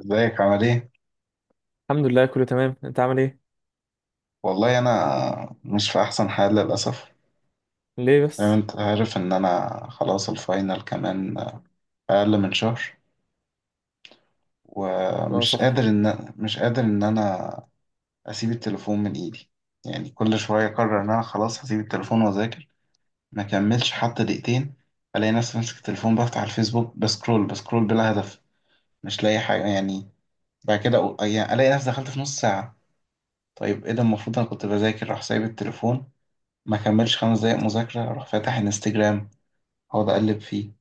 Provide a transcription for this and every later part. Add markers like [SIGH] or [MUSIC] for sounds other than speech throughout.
ازيك عامل ايه؟ الحمد لله كله تمام، انت عامل ايه؟ والله انا مش في احسن حال للاسف. ليه زي ما بس. انت عارف ان انا خلاص الفاينل، كمان اقل من شهر. اه ومش قادر صح. ان مش قادر ان انا اسيب التليفون من ايدي. يعني كل شويه اقرر ان انا خلاص هسيب التليفون واذاكر، ما كملش حتى دقيقتين، الاقي نفسي ماسك التليفون، بفتح الفيسبوك، بسكرول بسكرول بلا هدف، مش لاقي حاجه يعني. بعد كده يعني الاقي نفسي دخلت في نص ساعه. طيب ايه ده، المفروض انا كنت بذاكر، راح سايب التليفون، ما كملش 5 دقايق مذاكرة أروح فاتح انستجرام، أقعد أقلب فيه.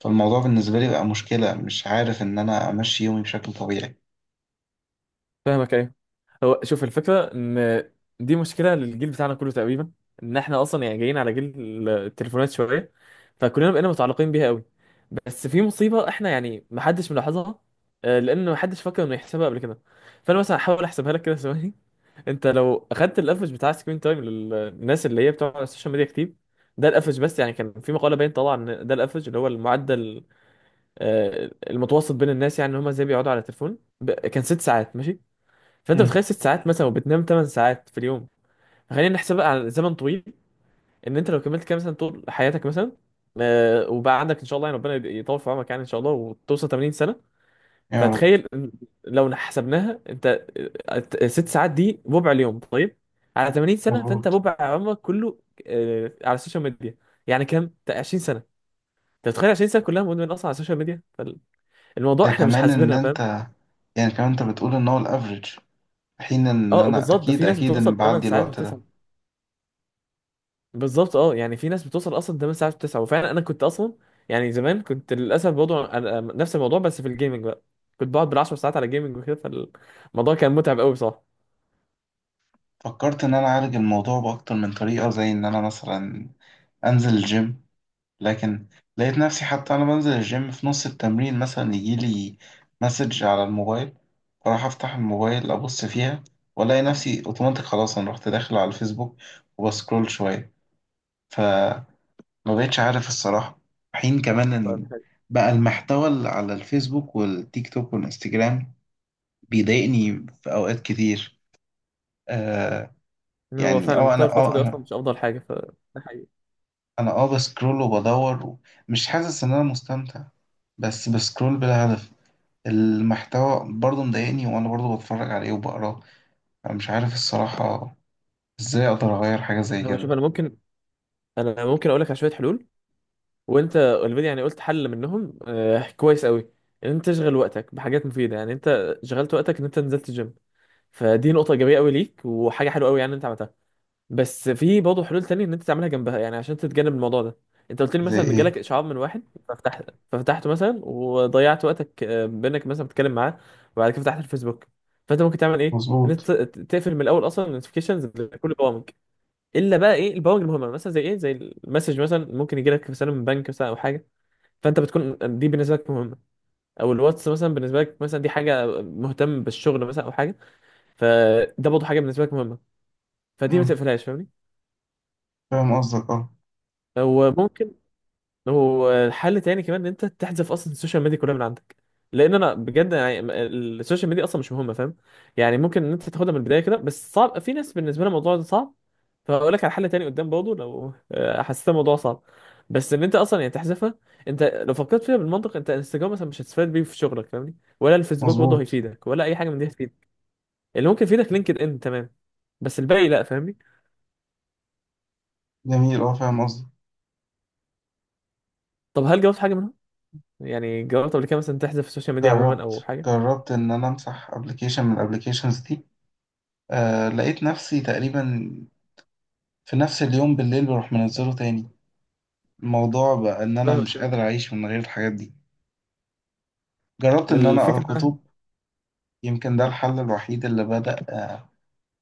فالموضوع بالنسبة لي بقى مشكلة، مش عارف إن أنا أمشي يومي بشكل طبيعي. فاهمك، ايوه. هو شوف، الفكره ان دي مشكله للجيل بتاعنا كله تقريبا. ان احنا اصلا يعني جايين على جيل التليفونات شويه، فكلنا بقينا متعلقين بيها قوي. بس في مصيبه احنا يعني محدش ملاحظها، لان محدش فكر انه يحسبها قبل كده. فانا مثلا هحاول احسبها لك كده ثواني. [LAUGHS] انت لو اخدت الافرج بتاع سكرين تايم للناس اللي هي بتوع السوشيال ميديا كتير، ده الافرج بس. يعني كان في مقاله باين طالعه ان ده الافرج اللي هو المعدل، المتوسط بين الناس، يعني ان هم ازاي بيقعدوا على التليفون كان ست ساعات ماشي. فانت امم. بتخيل ست ساعات مثلا وبتنام 8 ساعات في اليوم. فخلينا نحسبها على زمن طويل، ان انت لو كملت كام سنه طول حياتك مثلا، وبقى عندك ان شاء الله، يعني ربنا يطول في عمرك، يعني ان شاء الله وتوصل 80 سنه. يا رب. فتخيل إن لو حسبناها انت، ست ساعات دي ربع اليوم، طيب على 80 سنه، فانت مظبوط. ربع عمرك كله على السوشيال ميديا، يعني كام 20 سنه. انت بتخيل 20 سنه كلها مدمن اصلا على السوشيال ميديا الموضوع ده احنا مش كمان إن حاسبينها. أنت، يعني كمان أنت بتقول إن هو الأفريج، حين إن اه أنا بالظبط، ده في أكيد ناس أكيد إن بتوصل 8 بعدي ساعات الوقت و9. ده. بالظبط، اه يعني في ناس بتوصل اصلا 8 ساعات و9، وفعلا انا كنت اصلا يعني زمان كنت للاسف برضه أنا نفس الموضوع بس في الجيمنج بقى. كنت بقعد بال10 ساعات على جيمنج وكده، فالموضوع كان متعب قوي بصراحه. فكرت إن أنا أعالج الموضوع بأكتر من طريقة، زي إن أنا مثلا أنزل الجيم. لكن لقيت نفسي حتى أنا بنزل الجيم في نص التمرين، مثلا يجيلي مسج على الموبايل، فراح أفتح الموبايل أبص فيها، وألاقي نفسي أوتوماتيك خلاص أنا رحت داخل على الفيسبوك وبسكرول شوية. فما بقتش عارف الصراحة. حين كمان طيب، إن حلو. بقى المحتوى اللي على الفيسبوك والتيك توك والإنستجرام بيضايقني في أوقات كتير. آه. هو يعني فعلا اه أنا محتوى الفتره اه دي اصلا أنا مش افضل حاجه ف ده، حقيقي. أنا اه بسكرول وبدور، مش حاسس إن أنا مستمتع، بس بسكرول بلا هدف. المحتوى برضه مضايقني، وانا برضه بتفرج عليه وبقراه. انا مش عارف الصراحة ازاي اقدر اغير حاجة زي هو شوف، كده. انا ممكن اقول لك على شويه حلول، وانت اوريدي يعني قلت حل منهم، آه كويس قوي. ان انت تشغل وقتك بحاجات مفيده، يعني انت شغلت وقتك ان انت نزلت الجيم، فدي نقطه ايجابيه قوي ليك وحاجه حلوه قوي يعني انت عملتها. بس في برضه حلول تانية ان انت تعملها جنبها، يعني عشان تتجنب الموضوع ده. انت قلت لي زي مثلا ان ايه؟ جالك اشعار من واحد ففتحت ففتحته مثلا وضيعت وقتك، بانك مثلا بتتكلم معاه، وبعد كده فتحت الفيسبوك. فانت ممكن تعمل ايه؟ ان مظبوط. انت تقفل من الاول اصلا النوتيفيكيشنز لكل البرامج، الا بقى ايه؟ البرامج المهمه مثلا، زي ايه؟ زي المسج مثلا، ممكن يجي لك رساله من بنك مثلا او حاجه، فانت بتكون دي بالنسبه لك مهمه. او الواتس مثلا بالنسبه لك، مثلا دي حاجه مهتم بالشغل مثلا او حاجه، فده برضه حاجه بالنسبه لك مهمه، فدي ما مم. تقفلهاش، فاهمني؟ فاهم قصدك اه. وممكن والحل تاني كمان ان انت تحذف اصلا السوشيال ميديا كلها من عندك، لان انا بجد يعني السوشيال ميديا اصلا مش مهمه، فاهم؟ يعني ممكن ان انت تاخدها من البدايه كده، بس صعب في ناس بالنسبه لها الموضوع ده صعب. فهقول لك على حل تاني قدام برضه، لو حسيت الموضوع صعب، بس ان انت اصلا يعني تحذفها. انت لو فكرت فيها بالمنطق، انت انستجرام مثلا مش هتستفاد بيه في شغلك، فاهمني؟ ولا الفيسبوك برضه مظبوط. هيفيدك، ولا اي حاجه من دي هتفيدك. اللي ممكن يفيدك لينكد ان، تمام، بس الباقي لا، فاهمني؟ جميل، اه فاهم قصدك. طب هل جربت حاجه منهم؟ يعني جربت قبل كده مثلا تحذف السوشيال ميديا عموما او جربت حاجه؟ جربت ان انا امسح ابلكيشن من الابلكيشنز دي. آه، لقيت نفسي تقريبا في نفس اليوم بالليل بروح منزله تاني. الموضوع بقى ان انا مش فاهمك. قادر اعيش من غير الحاجات دي. جربت ان انا اقرا الفكرة بقى، كتب. يمكن ده الحل الوحيد اللي بدأ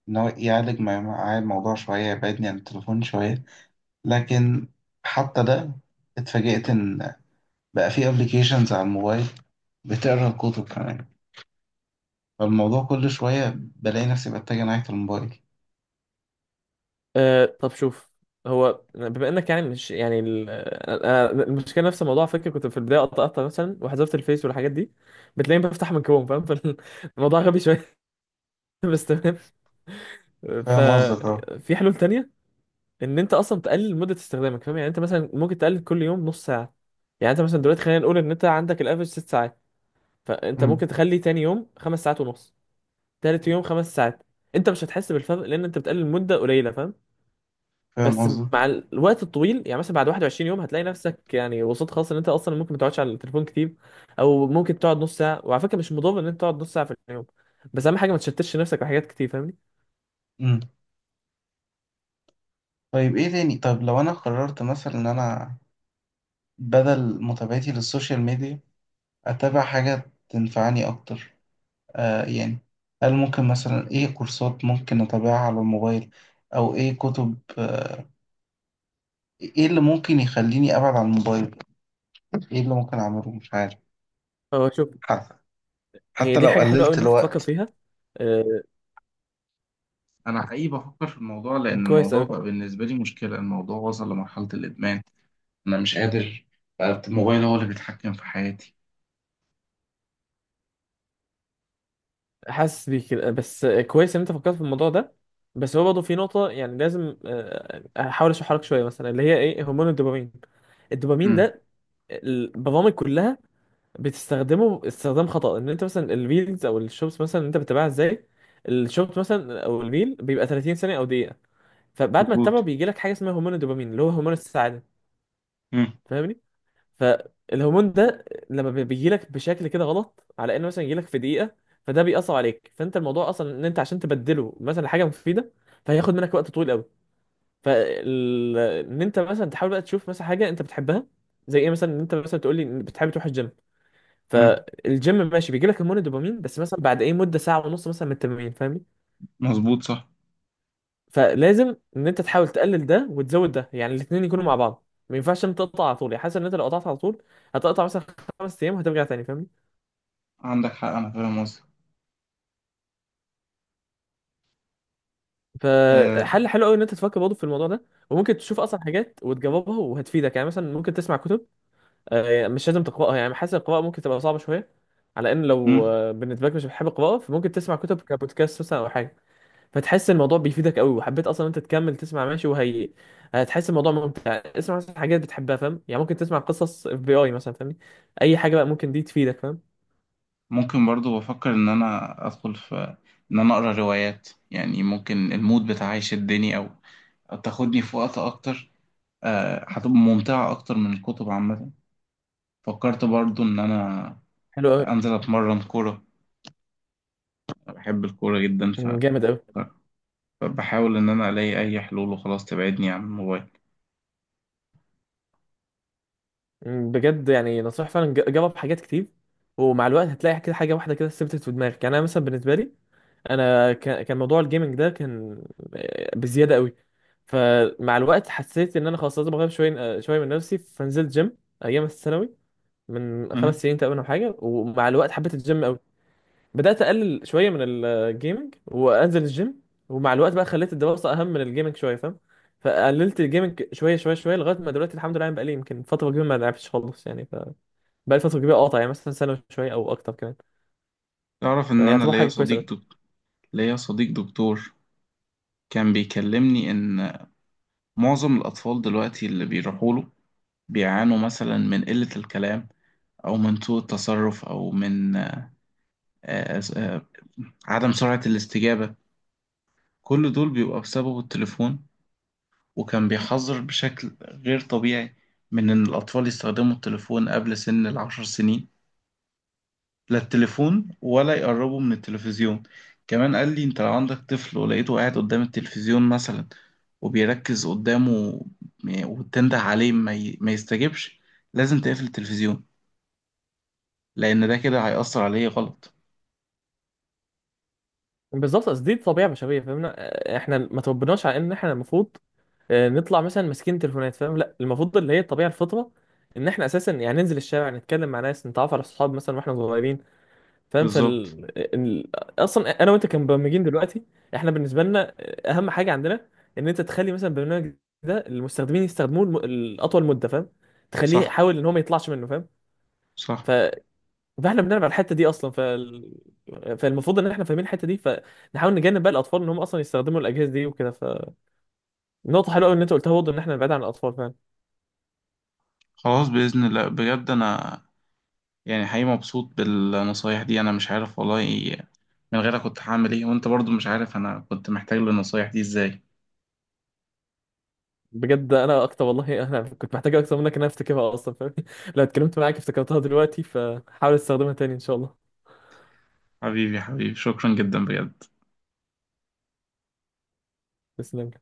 إن هو يعالج معايا الموضوع شوية، يبعدني عن التليفون شوية. لكن حتى ده اتفاجئت إن بقى في ابلكيشنز على الموبايل بتقرا الكتب كمان. فالموضوع كل شوية بلاقي نفسي بتجه ناحية الموبايل. آه طب شوف، هو بما انك يعني مش يعني أنا المشكله نفس الموضوع على فكره، كنت في البدايه قطعتها مثلا وحذفت الفيس والحاجات دي، بتلاقيني بفتح من كروم، فاهم؟ [LAUGHS] فالموضوع غبي شويه. [LAUGHS] بس تمام. فاهم قصدك اه. ففي حلول تانية، ان انت اصلا تقلل مده استخدامك، فاهم؟ يعني انت مثلا ممكن تقلل كل يوم نص ساعه. يعني انت مثلا دلوقتي خلينا نقول ان انت عندك الافرج ست ساعات، فانت أمم. ممكن تخلي تاني يوم خمس ساعات ونص، تالت يوم خمس ساعات. انت مش هتحس بالفرق لان انت بتقلل مده قليله، فاهم؟ فاهم بس قصدك. مع الوقت الطويل، يعني مثلا بعد 21 يوم هتلاقي نفسك يعني وصلت خلاص ان انت اصلا ممكن ما تقعدش على التليفون كتير، او ممكن تقعد نص ساعه. وعلى فكره مش مضر ان انت تقعد نص ساعه في اليوم، بس اهم حاجه ما تشتتش نفسك بحاجات كتير، فاهمني؟ أمم. طيب ايه تاني، طب لو انا قررت مثلا ان انا بدل متابعتي للسوشيال ميديا اتابع حاجة تنفعني اكتر. يعني هل ممكن مثلا ايه كورسات ممكن اتابعها على الموبايل، او ايه كتب، ايه اللي ممكن يخليني ابعد عن الموبايل، ايه اللي ممكن اعمله، مش عارف. هو شوف، حتى، هي دي لو حاجه حلوه قوي قللت ان انت تفكر الوقت. فيها، آه، انا حقيقي بفكر في الموضوع لان كويس الموضوع قوي. بقى بالنسبه لي مشكله، الموضوع وصل لمرحله الادمان. انا مش قادر، بقى الموبايل هو اللي بيتحكم في حياتي. حاسس بيك كده. بس كويس ان انت فكرت في الموضوع ده. بس هو برضه في نقطه يعني لازم احاول اشرحها لك شويه، مثلا اللي هي ايه؟ هرمون الدوبامين. الدوبامين امم. ده البرامج كلها بتستخدمه استخدام خطأ. ان انت مثلا الريلز او الشوبس مثلا اللي انت بتتابعها ازاي، الشوبس مثلا او الريل بيبقى 30 ثانية او دقيقة، فبعد ما تتابعه مظبوط. بيجي لك حاجة اسمها هرمون الدوبامين، اللي هو هرمون السعادة، امم. فاهمني؟ فالهرمون ده لما بيجي لك بشكل كده غلط، على انه مثلا يجي لك في دقيقة، فده بيأثر عليك. فانت الموضوع اصلا ان انت عشان تبدله مثلا حاجة مفيدة، فهياخد منك وقت طويل قوي. فال، ان انت مثلا تحاول بقى تشوف مثلا حاجة انت بتحبها، زي ايه مثلا؟ ان انت مثلا تقول لي بتحب تروح الجيم، امم، فالجيم ماشي بيجي لك هرمون الدوبامين، بس مثلا بعد ايه؟ مده ساعه ونص مثلا من التمرين، فاهمني؟ مظبوط، صح. فلازم ان انت تحاول تقلل ده وتزود ده، يعني الاثنين يكونوا مع بعض، ما ينفعش انت تقطع على طول. يعني حاسس ان انت لو قطعت على طول هتقطع مثلا خمس ايام وهترجع تاني، فاهمني؟ عندك حق، انا فاهم قصدك. أه. فحل حلو قوي ان انت تفكر برضه في الموضوع ده. وممكن تشوف اصلا حاجات وتجربها وهتفيدك. يعني مثلا ممكن تسمع كتب، مش لازم تقراها، يعني حاسس القراءه ممكن تبقى صعبه شويه، على ان لو مم. بالنسبه لك مش بتحب القراءه، فممكن تسمع كتب كبودكاست مثلا او حاجه، فتحس الموضوع بيفيدك قوي. وحبيت اصلا انت تكمل تسمع، ماشي؟ وهي هتحس الموضوع ممتع. اسمع مثلا حاجات بتحبها، فاهم؟ يعني ممكن تسمع قصص اف بي اي مثلا، فاهمني؟ اي حاجه بقى ممكن دي تفيدك، فاهم؟ ممكن برضو بفكر ان انا ادخل في، ان انا اقرا روايات. يعني ممكن المود بتاعي يشدني، او تاخدني في وقت اكتر. هتبقى ممتعة اكتر من الكتب عامة. فكرت برضو ان انا حلو قوي. انزل اتمرن كورة، بحب الكورة جدا. جامد قوي. ف- فبحاول ان انا الاقي اي حلول وخلاص تبعدني عن الموبايل. بجد يعني نصيحه فعلا، جرب حاجات كتير، ومع الوقت هتلاقي كده حاجه واحده كده ثبتت في دماغك. يعني انا مثلا بالنسبه لي، انا كان موضوع الجيمنج ده كان بزياده قوي. فمع الوقت حسيت ان انا خلاص لازم اغير شويه، شويه من نفسي، فنزلت جيم ايام الثانوي، من أه. خمس سنين تقريبا او حاجه. ومع الوقت حبيت الجيم قوي، بدات اقلل شويه من الجيمنج وانزل الجيم. ومع الوقت بقى خليت الدراسه اهم من الجيمنج شويه، فاهم؟ فقللت الجيمنج شويه شويه شويه لغايه ما دلوقتي الحمد لله، يعني بقالي يمكن فتره كبيره ما لعبتش خالص. يعني ف، بقالي فتره كبيره قاطع، يعني مثلا سنه شويه او اكتر كمان، تعرف ان يعني انا يعتبر ليا حاجه كويسه صديق قوي. دكتور. ليا صديق دكتور كان بيكلمني ان معظم الاطفال دلوقتي اللي بيروحوا له بيعانوا مثلا من قلة الكلام، أو من سوء التصرف، أو من آه، عدم سرعة الاستجابة. كل دول بيبقى بسبب التليفون، وكان بيحذر بشكل غير طبيعي من إن الأطفال يستخدموا التليفون قبل سن ال10 سنين، لا التليفون ولا يقربوا من التلفزيون. كمان قال لي، أنت لو عندك طفل ولقيته قاعد قدام التلفزيون مثلا وبيركز قدامه وتنده عليه ما يستجبش، لازم تقفل التلفزيون، لأن ده كده هيأثر عليه غلط. بالظبط، اصل دي طبيعه بشريه، فاهمنا؟ احنا ما تربناش على ان احنا المفروض نطلع مثلا ماسكين تليفونات، فاهم؟ لا المفروض اللي هي الطبيعه الفطره، ان احنا اساسا يعني ننزل الشارع، نتكلم مع ناس، نتعرف على اصحاب مثلا واحنا صغيرين، فاهم؟ بالظبط. اصلا انا وانت كمبرمجين دلوقتي، احنا بالنسبه لنا اهم حاجه عندنا ان انت تخلي مثلا البرنامج ده المستخدمين يستخدموه الاطول مده، فاهم؟ تخليه، صح، حاول ان هو ما يطلعش منه، فاهم؟ صح. ف... فاحنا بنلعب على الحته دي اصلا، فالمفروض ان احنا فاهمين الحته دي، فنحاول نجنب بقى الاطفال ان هم اصلا يستخدموا الاجهزه دي وكده. فنقطه حلوه قوي ان انت قلتها برضه، ان احنا نبعد عن الاطفال، فاهم؟ خلاص بإذن الله، بجد أنا يعني حقيقي مبسوط بالنصايح دي. أنا مش عارف والله إيه- من غيرك كنت هعمل إيه، وأنت برضو مش عارف أنا كنت محتاج للنصايح دي إزاي. بجد انا اكتر، والله انا كنت محتاج اكتر منك ان انا افتكرها اصلا، فاهم؟ [LAUGHS] لو اتكلمت معاك افتكرتها دلوقتي، فحاول استخدمها تاني ان شاء الله. حبيبي حبيبي، شكرا جدا بجد. تسلم.